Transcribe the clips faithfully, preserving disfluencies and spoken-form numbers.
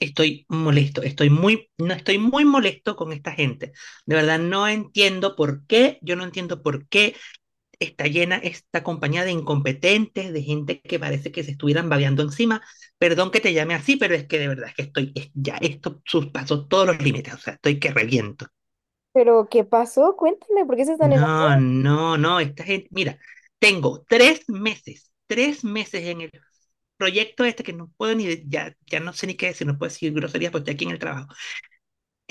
Estoy molesto, estoy muy, no, estoy muy molesto con esta gente. De verdad, no entiendo por qué, yo no entiendo por qué está llena esta compañía de incompetentes, de gente que parece que se estuvieran babeando encima. Perdón que te llame así, pero es que de verdad es que estoy, es- ya esto sus- pasó todos los límites, o sea, estoy que reviento. Pero, ¿qué pasó? Cuéntame, ¿por qué se están No, enojando? no, no, esta gente, mira, tengo tres meses, tres meses en el proyecto este que no puedo ni, de- ya, ya no sé ni qué decir, no puedo decir groserías porque estoy aquí en el trabajo.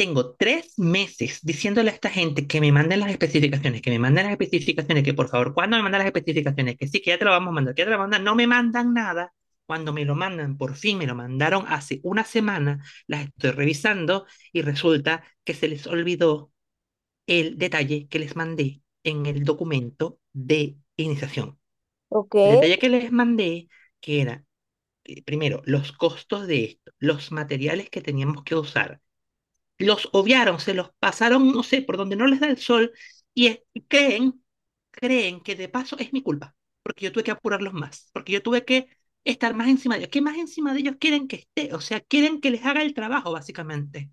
Tengo tres meses diciéndole a esta gente que me manden las especificaciones, que me manden las especificaciones, que por favor, ¿cuándo me mandan las especificaciones? Que sí, que ya te lo vamos a mandar, que ya te lo vamos a mandar. No me mandan nada. Cuando me lo mandan, por fin me lo mandaron hace una semana, las estoy revisando y resulta que se les olvidó el detalle que les mandé en el documento de iniciación. Ok, El detalle que les mandé, que era, eh, primero, los costos de esto, los materiales que teníamos que usar, los obviaron, se los pasaron, no sé, por donde no les da el sol, y es- y creen, creen que de paso es mi culpa, porque yo tuve que apurarlos más, porque yo tuve que estar más encima de ellos. ¿Qué más encima de ellos quieren que esté? O sea, quieren que les haga el trabajo, básicamente.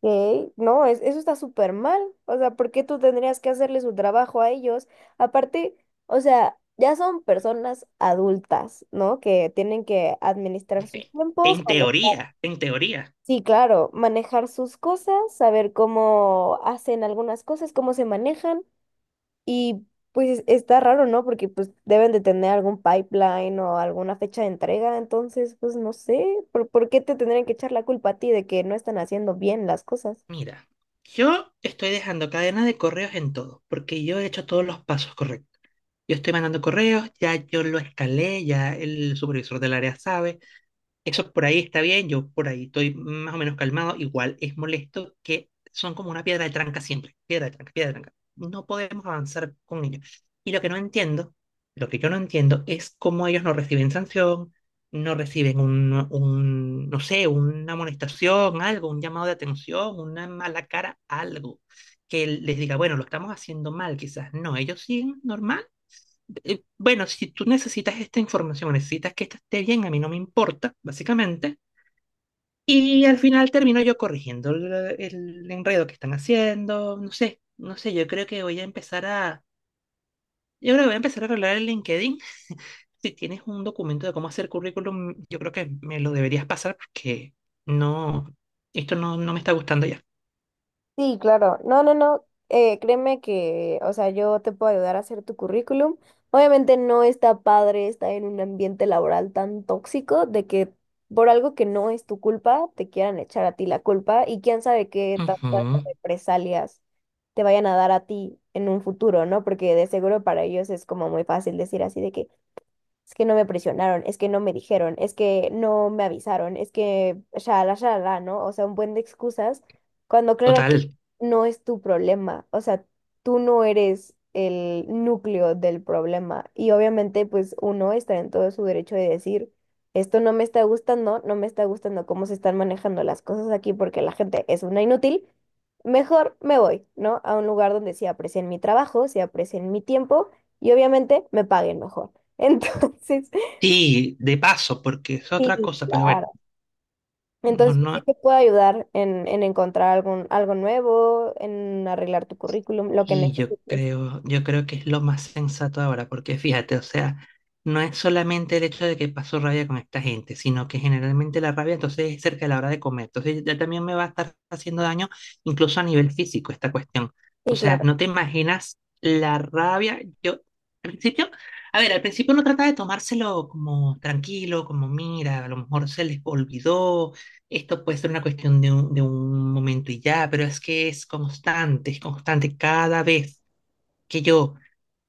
ok. No, es, eso está súper mal. O sea, ¿por qué tú tendrías que hacerle su trabajo a ellos? Aparte, o sea, ya son personas adultas, ¿no? Que tienen que administrar sus Eh, En tiempos, mane- teoría, en teoría. sí, claro, manejar sus cosas, saber cómo hacen algunas cosas, cómo se manejan. Y pues está raro, ¿no? Porque pues deben de tener algún pipeline o alguna fecha de entrega, entonces pues no sé, ¿por, por qué te tendrían que echar la culpa a ti de que no están haciendo bien las cosas? Mira, yo estoy dejando cadena de correos en todo, porque yo he hecho todos los pasos correctos. Yo estoy mandando correos, ya yo lo escalé, ya el supervisor del área sabe. Eso por ahí está bien, yo por ahí estoy más o menos calmado. Igual es molesto que son como una piedra de tranca siempre. Piedra de tranca, piedra de tranca. No podemos avanzar con ellos. Y lo que no entiendo, lo que yo no entiendo es cómo ellos no reciben sanción, no reciben un, un, no sé, una amonestación, algo, un llamado de atención, una mala cara, algo. Que les diga, bueno, lo estamos haciendo mal, quizás. No, ellos siguen normal, eh, bueno, si tú necesitas esta información, necesitas que esta esté bien, a mí no me importa, básicamente. Y al final termino yo corrigiendo el, el enredo que están haciendo, no sé, no sé, yo creo que voy a empezar a, yo creo que voy a empezar a arreglar el LinkedIn. Si tienes un documento de cómo hacer currículum, yo creo que me lo deberías pasar porque no, esto no, no me está gustando ya. Sí, claro. No, no, no. Eh, créeme que, o sea, yo te puedo ayudar a hacer tu currículum. Obviamente no está padre estar en un ambiente laboral tan tóxico de que por algo que no es tu culpa te quieran echar a ti la culpa y quién sabe qué tantas Ujú, represalias te vayan a dar a ti en un futuro, ¿no? Porque de seguro para ellos es como muy fácil decir así de que, es que no me presionaron, es que no me dijeron, es que no me avisaron, es que shalala, shalala, ¿no? O sea, un buen de excusas, cuando claramente total. no es tu problema, o sea, tú no eres el núcleo del problema y obviamente pues uno está en todo su derecho de decir, esto no me está gustando, no me está gustando cómo se están manejando las cosas aquí porque la gente es una inútil. Mejor me voy, ¿no? A un lugar donde sí aprecien mi trabajo, sí aprecien mi tiempo y obviamente me paguen mejor. Entonces, Sí, de paso, porque es otra sí, cosa, pero bueno, claro. mejor Entonces, yo sí no, te puedo ayudar en, en encontrar algún, algo nuevo, en arreglar tu currículum, lo que y yo necesites. creo, yo creo que es lo más sensato ahora, porque fíjate, o sea, no es solamente el hecho de que paso rabia con esta gente, sino que generalmente la rabia entonces es cerca de la hora de comer. Entonces ya también me va a estar haciendo daño, incluso a nivel físico, esta cuestión. O Sí, sea, claro, no te imaginas la rabia. Yo, al principio, a ver, al principio uno trata de tomárselo como tranquilo, como mira, a lo mejor se les olvidó, esto puede ser una cuestión de un, de un momento y ya, pero es que es constante, es constante. Cada vez que yo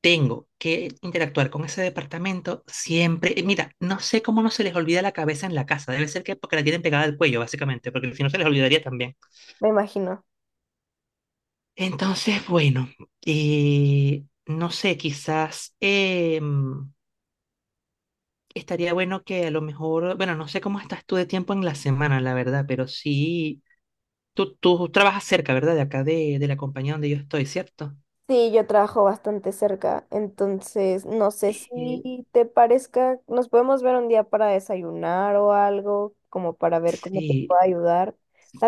tengo que interactuar con ese departamento, siempre, eh, mira, no sé cómo no se les olvida la cabeza en la casa. Debe ser que porque la tienen pegada al cuello, básicamente, porque si no se les olvidaría también. me imagino. Entonces, bueno, eh, no sé, quizás em, estaría bueno que a lo mejor, bueno, no sé cómo estás tú de tiempo en la semana, la verdad, pero sí. Tú, tú trabajas cerca, ¿verdad? De acá, de, de la compañía donde yo estoy, ¿cierto? Sí, yo trabajo bastante cerca, entonces no sé Eh, si te parezca, nos podemos ver un día para desayunar o algo, como para ver cómo te sí, puedo ayudar.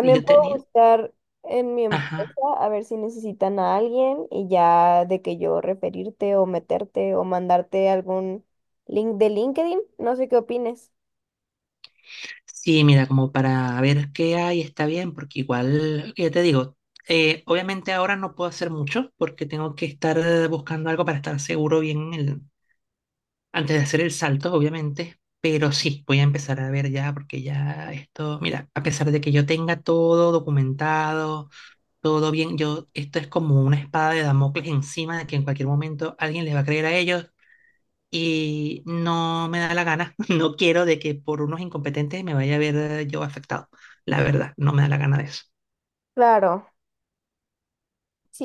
y yo puedo tenía... buscar en mi empresa Ajá. a ver si necesitan a alguien y ya de que yo referirte o meterte o mandarte algún link de LinkedIn, no sé qué opines. Sí, mira, como para ver qué hay, está bien, porque igual, ya te digo, eh, obviamente ahora no puedo hacer mucho porque tengo que estar eh, buscando algo para estar seguro bien el- antes de hacer el salto, obviamente, pero sí, voy a empezar a ver ya porque ya esto, mira, a pesar de que yo tenga todo documentado, todo bien. Yo, esto es como una espada de Damocles encima de que en cualquier momento alguien les va a creer a ellos y no me da la gana. No quiero de que por unos incompetentes me vaya a ver eh, yo afectado. La verdad, no me da la gana de eso. Claro.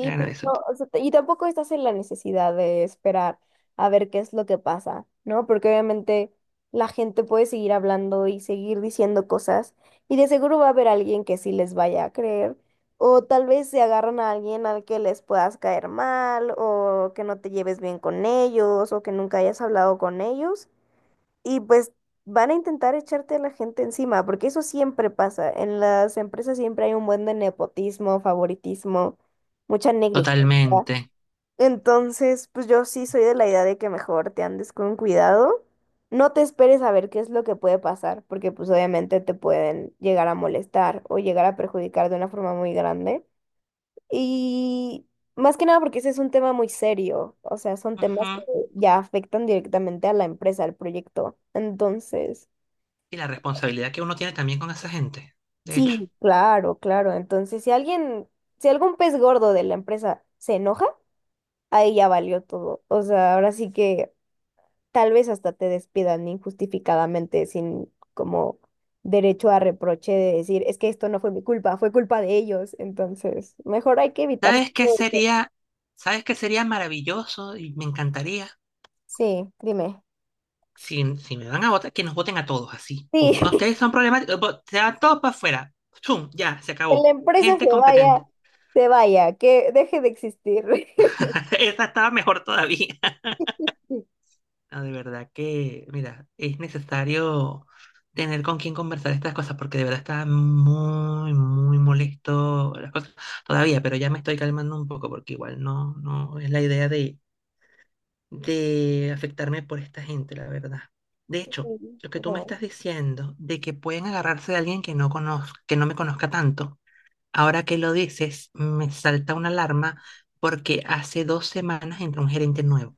La gana pero, de eso. no, o sea, y tampoco estás en la necesidad de esperar a ver qué es lo que pasa, ¿no? Porque obviamente la gente puede seguir hablando y seguir diciendo cosas y de seguro va a haber alguien que sí les vaya a creer o tal vez se agarran a alguien al que les puedas caer mal o que no te lleves bien con ellos o que nunca hayas hablado con ellos y pues van a intentar echarte a la gente encima, porque eso siempre pasa. En las empresas siempre hay un buen de nepotismo, favoritismo, mucha negligencia. Totalmente. Entonces, pues yo sí soy de la idea de que mejor te andes con cuidado. No te esperes a ver qué es lo que puede pasar, porque pues obviamente te pueden llegar a molestar o llegar a perjudicar de una forma muy grande. Y más que nada porque ese es un tema muy serio, o sea, son temas que Ujú. ya afectan directamente a la empresa, al proyecto. Entonces, Y la responsabilidad que uno tiene también con esa gente, de hecho. sí, claro, claro. Entonces, si alguien, si algún pez gordo de la empresa se enoja, ahí ya valió todo. O sea, ahora sí que tal vez hasta te despidan injustificadamente sin como derecho a reproche de decir, es que esto no fue mi culpa, fue culpa de ellos. Entonces, mejor hay que evitar ¿Sabes qué todo eso. sería, sabes qué sería maravilloso y me encantaría? Sí, dime. Si, si me van a votar, que nos voten a todos, así. Sí, Pum. Ah, ustedes son problemáticos, vo- se van todos para afuera. Pum, ya, se que la acabó. empresa Gente se vaya, competente. se vaya, que deje de existir. Esa estaba mejor todavía. No, de verdad que, mira, es necesario tener con quién conversar estas cosas, porque de verdad está muy, muy molesto las cosas todavía, pero ya me estoy calmando un poco, porque igual no, no es la idea de de afectarme por esta gente, la verdad. De hecho, lo que tú me No, estás diciendo de que pueden agarrarse de alguien que no conozca, que no me conozca tanto, ahora que lo dices, me salta una alarma porque hace dos semanas entró un gerente nuevo.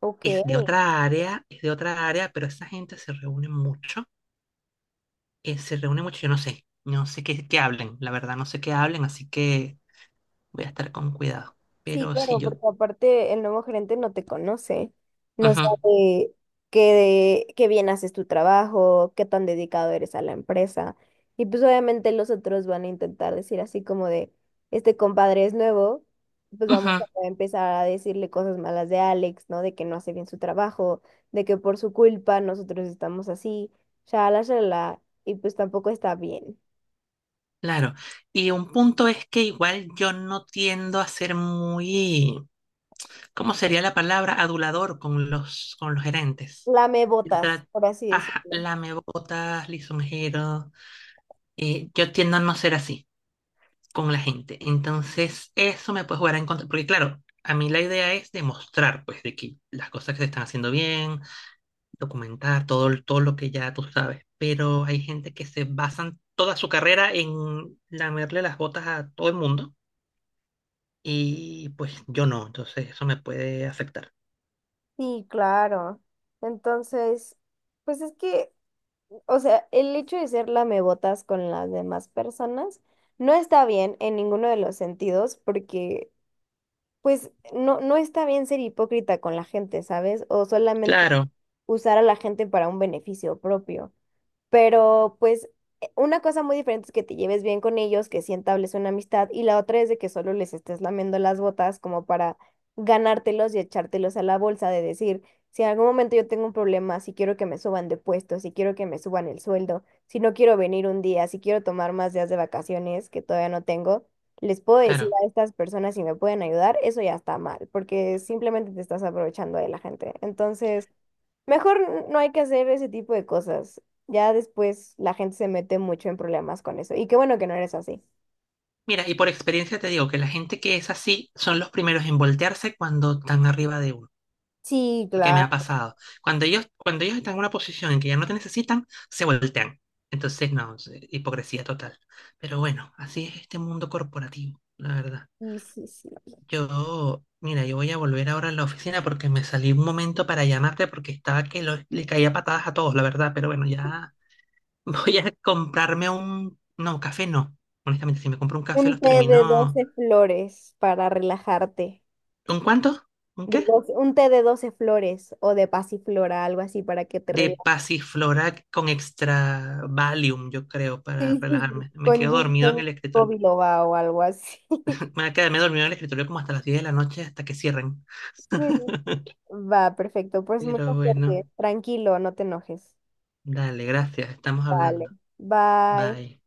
ok. Es de otra área, es de otra área, pero esa gente se reúne mucho, eh, se reúne mucho, yo no sé, no sé qué, qué hablen, la verdad no sé qué hablen, así que voy a estar con cuidado. Sí, Pero si claro, yo... porque aparte el nuevo gerente no te conoce, no Ujú, sabe qué, qué bien haces tu trabajo, qué tan dedicado eres a la empresa. Y pues obviamente los otros van a intentar decir así como de, este compadre es nuevo, pues vamos ujú. a empezar a decirle cosas malas de Alex, ¿no? De que no hace bien su trabajo, de que por su culpa nosotros estamos así, shalala, shalala, y pues tampoco está bien. Claro, y un punto es que igual yo no tiendo a ser muy, ¿cómo sería la palabra? Adulador con los, con los gerentes. Lame Yo botas, tra- por así ajá, decirlo. lamebotas, lisonjero, eh, yo tiendo a no ser así con la gente. Entonces, eso me puede jugar en contra, porque claro, a mí la idea es demostrar, pues, de que las cosas que se están haciendo bien, documentar todo, el- todo lo que ya tú sabes, pero hay gente que se basan toda su carrera en lamerle las botas a todo el mundo. Y pues yo no, entonces eso me puede afectar. Sí, claro. Entonces, pues es que, o sea, el hecho de ser lamebotas con las demás personas no está bien en ninguno de los sentidos porque, pues, no, no está bien ser hipócrita con la gente, ¿sabes? O solamente Claro, usar a la gente para un beneficio propio. Pero pues eh, una cosa muy diferente es que te lleves bien con ellos, que sí entables una amistad, y la otra es de que solo les estés lamiendo las botas como para ganártelos y echártelos a la bolsa de decir, si en algún momento yo tengo un problema, si quiero que me suban de puesto, si quiero que me suban el sueldo, si no quiero venir un día, si quiero tomar más días de vacaciones que todavía no tengo, les puedo decir claro. a estas personas si me pueden ayudar, eso ya está mal, porque simplemente te estás aprovechando de la gente. Entonces... mejor no hay que hacer ese tipo de cosas. Ya después la gente se mete mucho en problemas con eso. Y qué bueno que no eres así. Mira, y por experiencia te digo que la gente que es así son los primeros en voltearse cuando están arriba de uno, Sí, porque me claro. ha pasado. Cuando ellos, cuando ellos están en una posición en que ya no te necesitan, se voltean. Entonces, no, es, eh, hipocresía total. Pero bueno, así es este mundo corporativo, la verdad. Sí, sí, sí. Yo, mira, yo voy a volver ahora a la oficina porque me salí un momento para llamarte porque estaba que lo- le caía patadas a todos, la verdad, pero bueno, ya. Voy a comprarme un, no, café no. Honestamente, si me compro un Un café los té de termino. doce flores para relajarte. ¿Un cuánto? ¿Un qué? De doce un té de doce flores o de pasiflora, algo así para que te De relajes. pasiflora con extra Valium, yo creo, para Sí, sí, sí. relajarme. Me Con quedo dormido en ginseng el o escritorio. biloba o algo así. Me quedé dormido en el escritorio como hasta las diez de la noche, hasta que cierren. Sí. Va, perfecto. Pues mucha Pero suerte. bueno, Tranquilo, no te enojes. dale, gracias. Estamos Vale. hablando. Bye. Bye.